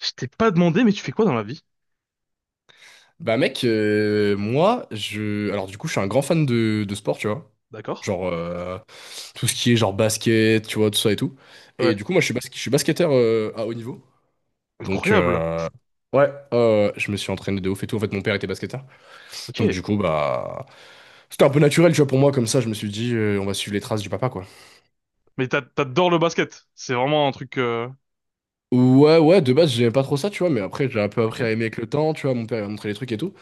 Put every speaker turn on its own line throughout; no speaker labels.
Je t'ai pas demandé, mais tu fais quoi dans la vie?
Bah mec, moi, je... Alors du coup, je suis un grand fan de sport, tu vois.
D'accord?
Genre, tout ce qui est genre basket, tu vois, tout ça et tout. Et
Ouais.
du coup, moi, je suis basketteur à haut niveau. Donc,
Incroyable.
ouais, je me suis entraîné de ouf et tout. En fait, mon père était basketteur. Donc
Ok.
du coup, bah... C'était un peu naturel, tu vois, pour moi, comme ça, je me suis dit, on va suivre les traces du papa, quoi.
Mais t'adores le basket. C'est vraiment un truc.
Ouais, ouais, de base, j'aimais pas trop ça, tu vois, mais après, j'ai un peu
Ok.
appris à aimer avec le temps, tu vois, mon père, il m'a montré les trucs et tout.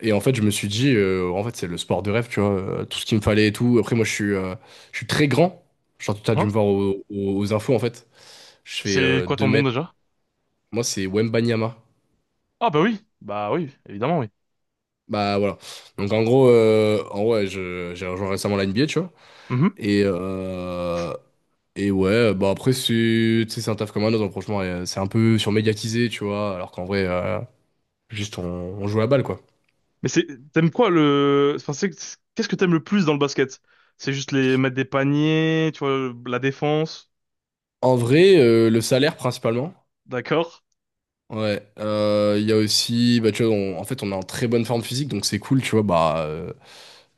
Et en fait, je me suis dit, en fait, c'est le sport de rêve, tu vois, tout ce qu'il me fallait et tout. Après, moi, je suis très grand. Genre, tu as dû me
Hein?
voir aux infos, en fait. Je fais
C'est quoi ton
2
nom
mètres.
déjà?
Moi, c'est Wembanyama.
Ah bah oui. Bah oui, évidemment oui.
Bah, voilà. Donc, en gros, en vrai, j'ai rejoint récemment la NBA, tu vois.
Mhm.
Et, euh, et ouais, bah, après, c'est, tu sais, c'est un taf comme un autre. Donc, franchement, c'est un peu surmédiatisé, tu vois. Alors qu'en vrai, juste, on joue à la balle, quoi.
Mais c'est t'aimes quoi le enfin, c'est qu'est-ce que t'aimes le plus dans le basket? C'est juste les mettre des paniers, tu vois, la défense.
En vrai, le salaire, principalement.
D'accord?
Ouais, il y a aussi, bah, tu vois, en fait, on est en très bonne forme physique, donc c'est cool, tu vois, bah,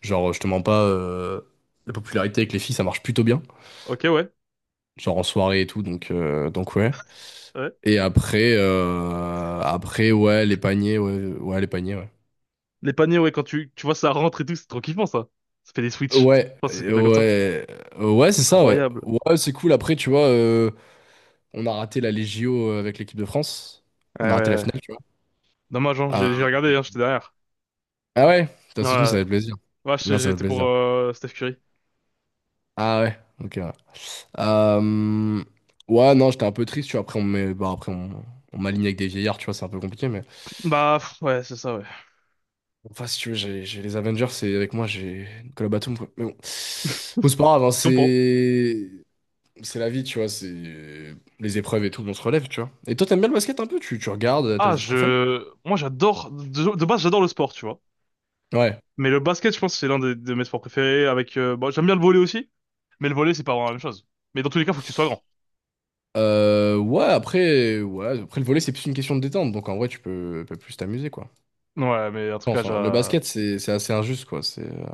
genre, je te mens pas, la popularité avec les filles, ça marche plutôt bien,
Ok, ouais.
genre en soirée et tout, donc ouais.
Ouais.
Et après, ouais, les paniers, ouais, ouais, les paniers, ouais.
Les paniers, ouais, quand tu vois ça rentre et tout, c'est trop kiffant ça. Ça fait des switches. Je
Ouais,
pense que c'est comme comme ça.
ouais, ouais, c'est ça, ouais.
Incroyable.
Ouais, c'est cool, après, tu vois, on a raté la Légio avec l'équipe de France,
Ouais,
on a
ouais,
raté la
ouais.
finale, tu vois.
Dommage, hein, j'ai
Euh,
regardé, hein, j'étais derrière.
ah ouais, t'as
Ouais,
soutenu, ça
ouais,
fait plaisir.
ouais,
Non, ça fait
j'étais pour
plaisir.
Steph Curry.
Ah ouais, ok. Ouais. Euh, Ouais, non, j'étais un peu triste, tu vois. Après, bah, on m'aligne avec des vieillards, tu vois, c'est un peu compliqué, mais.
Bah, pff, ouais, c'est ça, ouais.
Bon, enfin, si tu veux, j'ai les Avengers, c'est avec moi, j'ai Nicolas Batum, quoi. Bon, c'est pas grave, hein,
Je comprends.
c'est. C'est la vie, tu vois, c'est. Les épreuves et tout, on se relève, tu vois. Et toi, t'aimes bien le basket un peu? Tu regardes, t'as
Ah,
des équipes préférées?
Moi, j'adore. De base, j'adore le sport, tu vois.
Ouais.
Mais le basket, je pense c'est de mes sports préférés, avec... Bon, j'aime bien le volley aussi, mais le volley, c'est pas vraiment la même chose. Mais dans tous les cas, faut que tu sois grand.
Ouais, après, ouais, après le volley, c'est plus une question de détente, donc en vrai, tu peux plus t'amuser, quoi.
Ouais, mais
Je pense, hein. Le basket, c'est assez injuste, quoi. C'est euh,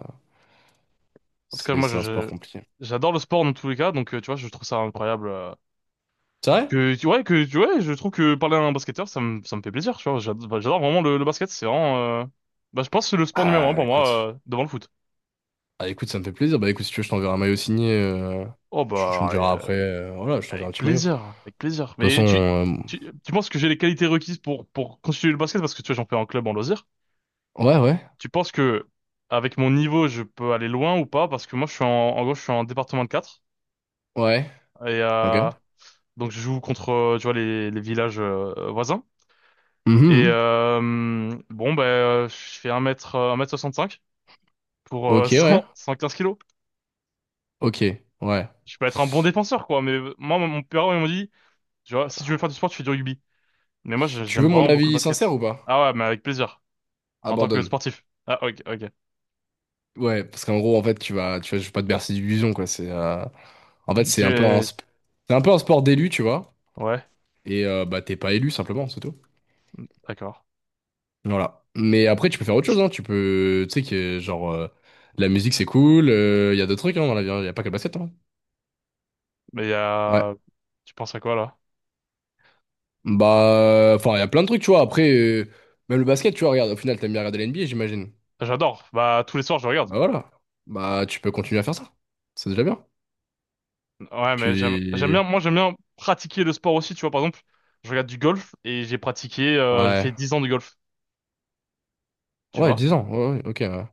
en tout cas,
c'est
moi,
c'est un sport compliqué.
j'adore le sport dans tous les cas, donc, tu vois, je trouve ça incroyable.
C'est vrai?
Que, tu ouais, je trouve que parler à un basketteur, ça me fait plaisir, tu vois. Bah, j'adore vraiment le basket, c'est vraiment. Bah, je pense que c'est le sport numéro un
Ah,
pour moi,
écoute.
devant le foot.
Ah écoute, ça me fait plaisir. Bah écoute, si tu veux, je t'enverrai un maillot signé. euh,
Oh
tu, tu me
bah, ouais,
diras après. Voilà, je t'enverrai un
avec
petit maillot. De
plaisir, avec plaisir.
toute
Mais
façon,
tu, tu, tu penses que j'ai les qualités requises pour constituer le basket, parce que tu vois, j'en fais en club, en loisir.
ouais, ouais,
Tu penses que avec mon niveau, je peux aller loin ou pas? Parce que moi, je suis en, je suis en département de quatre.
ouais.
Et
Ok.
donc, je joue contre, tu vois, les villages voisins.
Mhm,
Et
mhm.
bon, ben, je fais 1 mètre cinq, pour
Ok, ouais.
cent quinze kilos.
Ok, ouais.
Je peux être un bon défenseur, quoi. Mais moi, mon père, il m'a dit, tu vois, si tu veux faire du sport, tu fais du rugby. Mais moi,
Tu veux
j'aime
mon
vraiment beaucoup le
avis sincère
basket.
ou pas?
Ah ouais, mais avec plaisir. En tant que
Abandonne.
sportif. Ah, ok, ok.
Ouais, parce qu'en gros, en fait, tu vas, je vais pas te bercer d'illusions, quoi. C'est, en fait,
Tu-
c'est un peu un sport d'élu, tu vois.
Ouais,
Et bah t'es pas élu simplement, c'est tout.
d'accord.
Voilà. Mais après, tu peux faire autre chose, hein. Tu sais que genre, la musique c'est cool. Il y a d'autres trucs, hein, dans la vie. Il y a pas que le basket, hein.
Mais il y
Ouais.
a... Tu penses à quoi, là?
Bah, enfin, il y a plein de trucs, tu vois. Après, même le basket, tu vois, regarde, au final, t'aimes bien regarder l'NBA, j'imagine.
J'adore. Bah, tous les soirs, je regarde.
Bah voilà. Bah, tu peux continuer à faire ça. C'est déjà bien.
Ouais, mais j'aime
Puis,
bien, moi, j'aime bien pratiquer le sport aussi, tu vois. Par exemple, je regarde du golf et j'ai fait
ouais.
10 ans de golf, tu
Ouais,
vois.
10 ans. Ouais, ouais, ok. Ouais.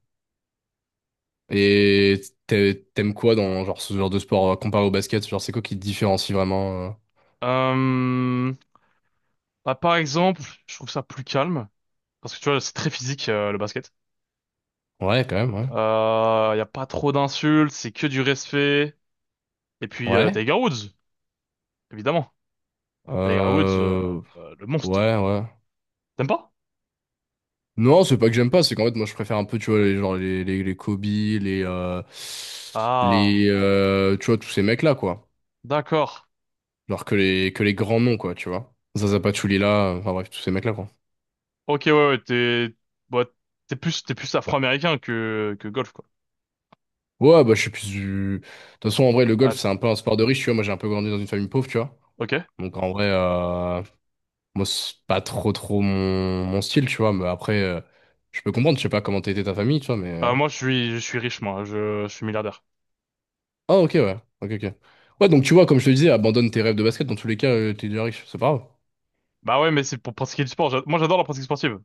Et t'aimes quoi dans genre, ce genre de sport comparé au basket? Genre, c'est quoi qui te différencie vraiment?
Euh, bah, par exemple, je trouve ça plus calme. Parce que tu vois, c'est très physique, le basket.
Ouais, quand même, ouais.
Y a pas trop d'insultes, c'est que du respect. Et puis,
Ouais.
Tiger Woods, évidemment. Tiger Woods,
Euh...
le monstre.
Ouais, ouais.
T'aimes pas?
Non, c'est pas que j'aime pas, c'est qu'en fait, moi, je préfère un peu, tu vois, les, genre, les Kobe,
Ah,
tu vois, tous ces mecs-là, quoi.
d'accord.
Alors que les grands noms, quoi, tu vois. Zaza Pachulia, enfin bref, tous ces mecs-là, quoi.
Ok, ouais, ouais, bah, t'es plus afro-américain que golf, quoi.
Ouais, bah je suis plus du... De toute façon, en vrai, le golf,
Ah,
c'est un peu un sport de riche, tu vois. Moi, j'ai un peu grandi dans une famille pauvre, tu vois.
ok.
Donc en vrai, moi, c'est pas trop trop mon style, tu vois. Mais après, je peux comprendre, je sais pas comment t'étais ta famille, tu vois,
Ah,
mais...
moi, je suis riche, moi. Je suis milliardaire.
Ah, ok, ouais. Ok, ok. Ouais, donc tu vois, comme je te disais, abandonne tes rêves de basket. Dans tous les cas, t'es déjà riche, c'est pas grave.
Bah ouais, mais c'est pour pratiquer du sport. Moi, j'adore la pratique sportive.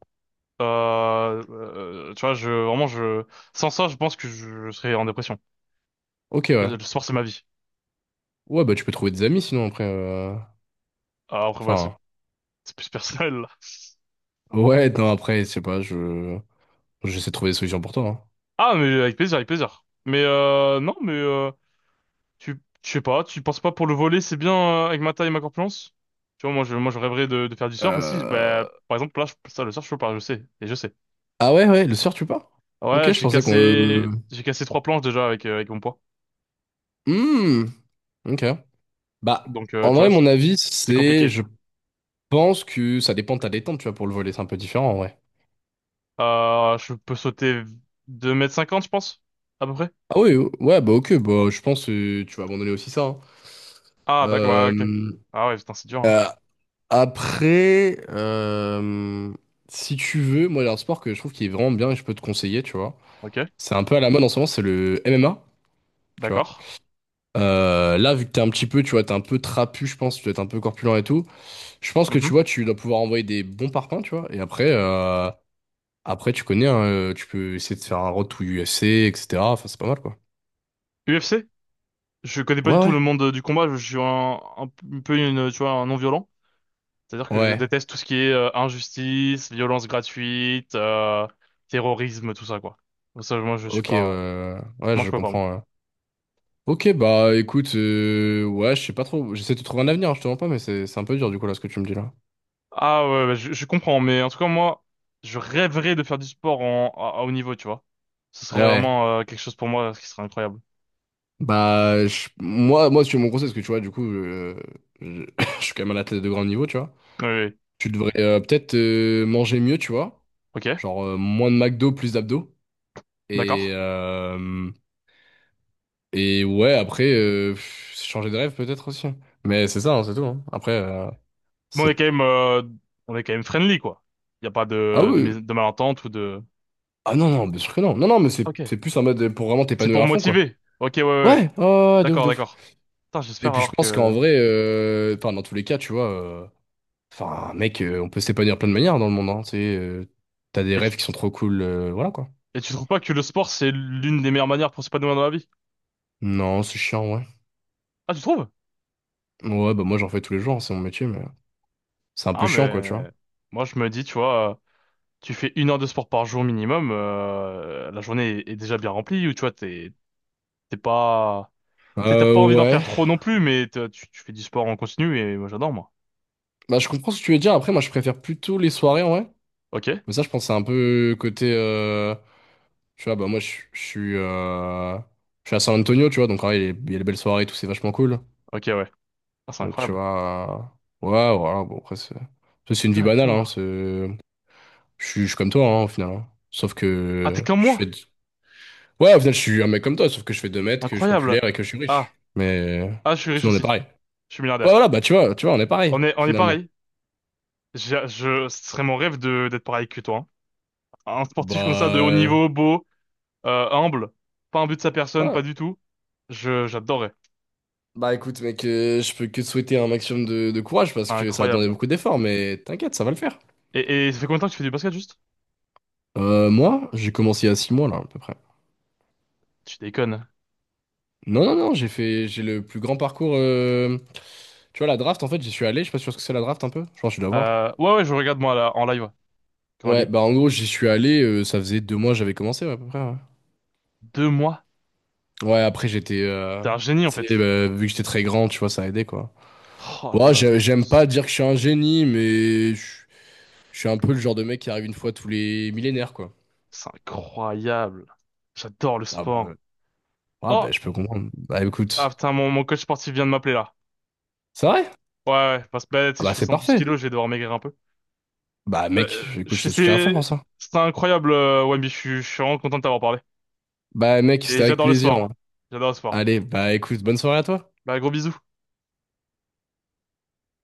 Tu vois, je, vraiment, je, sans ça, je pense que je serais en dépression.
Ok,
Le
ouais.
le sport, c'est ma vie.
Ouais, bah tu peux trouver des amis, sinon, après...
Ah, après, voilà,
Enfin...
c'est plus personnel, là.
Ouais, non, après, je sais pas, je... J'essaie de trouver des solutions pour toi, hein.
Ah, mais avec plaisir, avec plaisir. Mais, non, mais, tu, je sais pas, tu penses pas pour le volet, c'est bien avec ma taille et ma corpulence? Tu vois, moi je rêverais de faire du surf aussi. Bah,
Euh,
par exemple, là, ça, le surf, je peux pas, je sais, et je sais.
Ah ouais, ouais, le soir tu pars?
Ouais,
Ok, je pensais qu'on...
j'ai cassé trois planches déjà avec, avec mon poids.
hmm, ok. Bah,
Donc,
en
tu vois,
vrai,
c'est
mon avis, c'est...
compliqué.
Je pense que ça dépend de ta détente, tu vois, pour le volet, c'est un peu différent, en vrai.
Je peux sauter 2,50 m, je pense, à peu près.
Ah oui, ouais, bah ok, bah je pense que tu vas abandonner aussi ça, hein.
Ah, d'accord, ouais, ok.
Euh,
Ah ouais, putain, c'est dur, hein.
euh, Après, si tu veux, moi, il y a un sport que je trouve qui est vraiment bien et je peux te conseiller, tu vois.
Ok,
C'est un peu à la mode en ce moment, c'est le MMA, tu vois.
d'accord.
Là, vu que t'es un petit peu, tu vois, t'es un peu trapu, je pense, tu dois être un peu corpulent et tout. Je pense que
Mhm.
tu vois, tu dois pouvoir envoyer des bons parpaings, tu vois. Et après tu connais, hein, tu peux essayer de faire un road to UFC, etc. Enfin, c'est pas mal, quoi.
UFC? Je connais pas
Ouais,
du tout
ouais.
le monde du combat, je suis tu vois, un non-violent. C'est-à-dire que je
Ouais,
déteste tout ce qui est injustice, violence gratuite, terrorisme, tout ça, quoi. Ça, moi, je suis
ok,
pas...
ouais, ouais,
Moi,
je
je peux pas, moi.
comprends. Ouais. Ok, bah écoute, ouais, je sais pas trop. J'essaie de trouver un avenir, hein, je te mens pas, mais c'est un peu dur du coup là ce que tu me dis là.
Ah ouais, ouais, je comprends, mais en tout cas, moi, je rêverais de faire du sport à haut niveau, tu vois. Ce serait
Ouais,
vraiment quelque chose pour moi, ce qui serait incroyable.
bah moi, si tu veux mon conseil, parce que tu vois, du coup, je, je suis quand même un athlète de grand niveau, tu vois.
Oui, oui.
Tu devrais peut-être manger mieux, tu vois.
Ok,
Genre moins de McDo, plus d'abdos. Et,
d'accord.
euh, et ouais, après, pff, changer de rêve peut-être aussi. Mais c'est ça, hein, c'est tout, hein. Après,
Mais
c'est...
on est quand même friendly, quoi. Il n'y a pas
Ah oui,
de malentente ou de...
ah non, non, bien sûr que non. Non, non, mais c'est
Ok.
c'est plus un mode pour vraiment
C'est
t'épanouir
pour
à fond, quoi.
motiver. Ok, ouais, ouais, ouais.
Ouais, oh, ouais, ouais, de ouf,
D'accord,
de ouf.
d'accord. Putain,
Et
j'espère
puis je
alors
pense qu'en
que...
vrai, enfin, dans tous les cas, tu vois, enfin, mec, on peut s'épanouir de plein de manières dans le monde, hein, tu sais, t'as des rêves qui sont trop cool, voilà, quoi.
Et tu trouves pas que le sport, c'est l'une des meilleures manières pour s'épanouir dans la vie?
Non, c'est chiant, ouais.
Ah, tu trouves?
Ouais, bah moi j'en fais tous les jours, hein, c'est mon métier, mais c'est un peu
Ah,
chiant, quoi, tu vois.
mais moi, je me dis, tu vois, tu fais 1 heure de sport par jour minimum, la journée est déjà bien remplie, ou tu vois, t'es pas... T'sais, t'as pas envie d'en
Ouais,
faire trop non plus, mais tu fais du sport en continu, et moi, j'adore, moi.
bah, je comprends ce que tu veux dire. Après, moi, je préfère plutôt les soirées, en vrai.
Ok?
Mais ça, je pense que c'est un peu côté. Tu vois, bah, moi, je suis. Je suis à San Antonio, tu vois. Donc, en vrai, il y a les belles soirées et tout, c'est vachement cool.
Ok, ouais. Ah, c'est
Donc, tu
incroyable.
vois. Ouais, voilà. Bon, après, c'est ça, c'est une vie banale,
D'accord.
hein. Je suis comme toi, hein, au final, hein. Sauf
Ah, t'es
que
comme
je
moi?
fais. Ouais, au final, je suis un mec comme toi, sauf que je fais 2 mètres, que je suis
Incroyable.
populaire et que je suis
Ah,
riche. Mais
ah, je suis riche
sinon, on est
aussi.
pareil.
Je suis
Ouais,
milliardaire.
voilà, bah, tu vois, on est pareil,
On est
finalement.
pareil. Ce serait mon rêve de d'être pareil que toi. Hein. Un sportif comme ça, de haut
Bah.
niveau, beau, humble, pas un but de sa personne,
Ouais.
pas du tout. J'adorais.
Bah écoute mec, je peux que te souhaiter un maximum de courage parce
C'est
que ça va demander
incroyable.
beaucoup d'efforts, mais t'inquiète, ça va le faire.
Et ça fait combien de temps que tu fais du basket juste?
Moi, j'ai commencé il y a 6 mois là à peu près.
Tu déconnes.
Non, non, non, j'ai le plus grand parcours. Tu vois, la draft en fait, j'y suis allé, je sais pas sûr ce que c'est la draft un peu. Je pense que je dois voir.
Ouais, ouais, je regarde moi là, en live, quand elle y
Ouais,
est.
bah en gros, j'y suis allé, ça faisait 2 mois que j'avais commencé ouais, à peu près. Ouais,
2 mois.
ouais, après j'étais...
T'es un génie en
Tu sais,
fait.
vu que j'étais très grand, tu vois, ça a aidé quoi.
Oh
Bon,
là
ah,
là,
j'aime
c'est
pas dire que je suis un génie, mais je suis un peu le genre de mec qui arrive une fois tous les millénaires, quoi.
incroyable. J'adore le
Après,
sport.
ah
Oh,
bah je peux comprendre. Bah
ah,
écoute,
putain, mon coach sportif vient de m'appeler là.
c'est vrai?
Ouais, ouais, parce que bah, tu
Ah
sais, je
bah
fais
c'est
112
parfait.
kilos, je vais devoir maigrir un peu.
Bah
Bah,
mec, écoute, je te soutiens à fond
c'est
pour ça.
incroyable, Wemby, je suis vraiment content de t'avoir parlé.
Bah mec,
Et
c'était avec
j'adore le
plaisir, hein.
sport. J'adore le sport.
Allez, bah écoute, bonne soirée à toi.
Bah, gros bisous.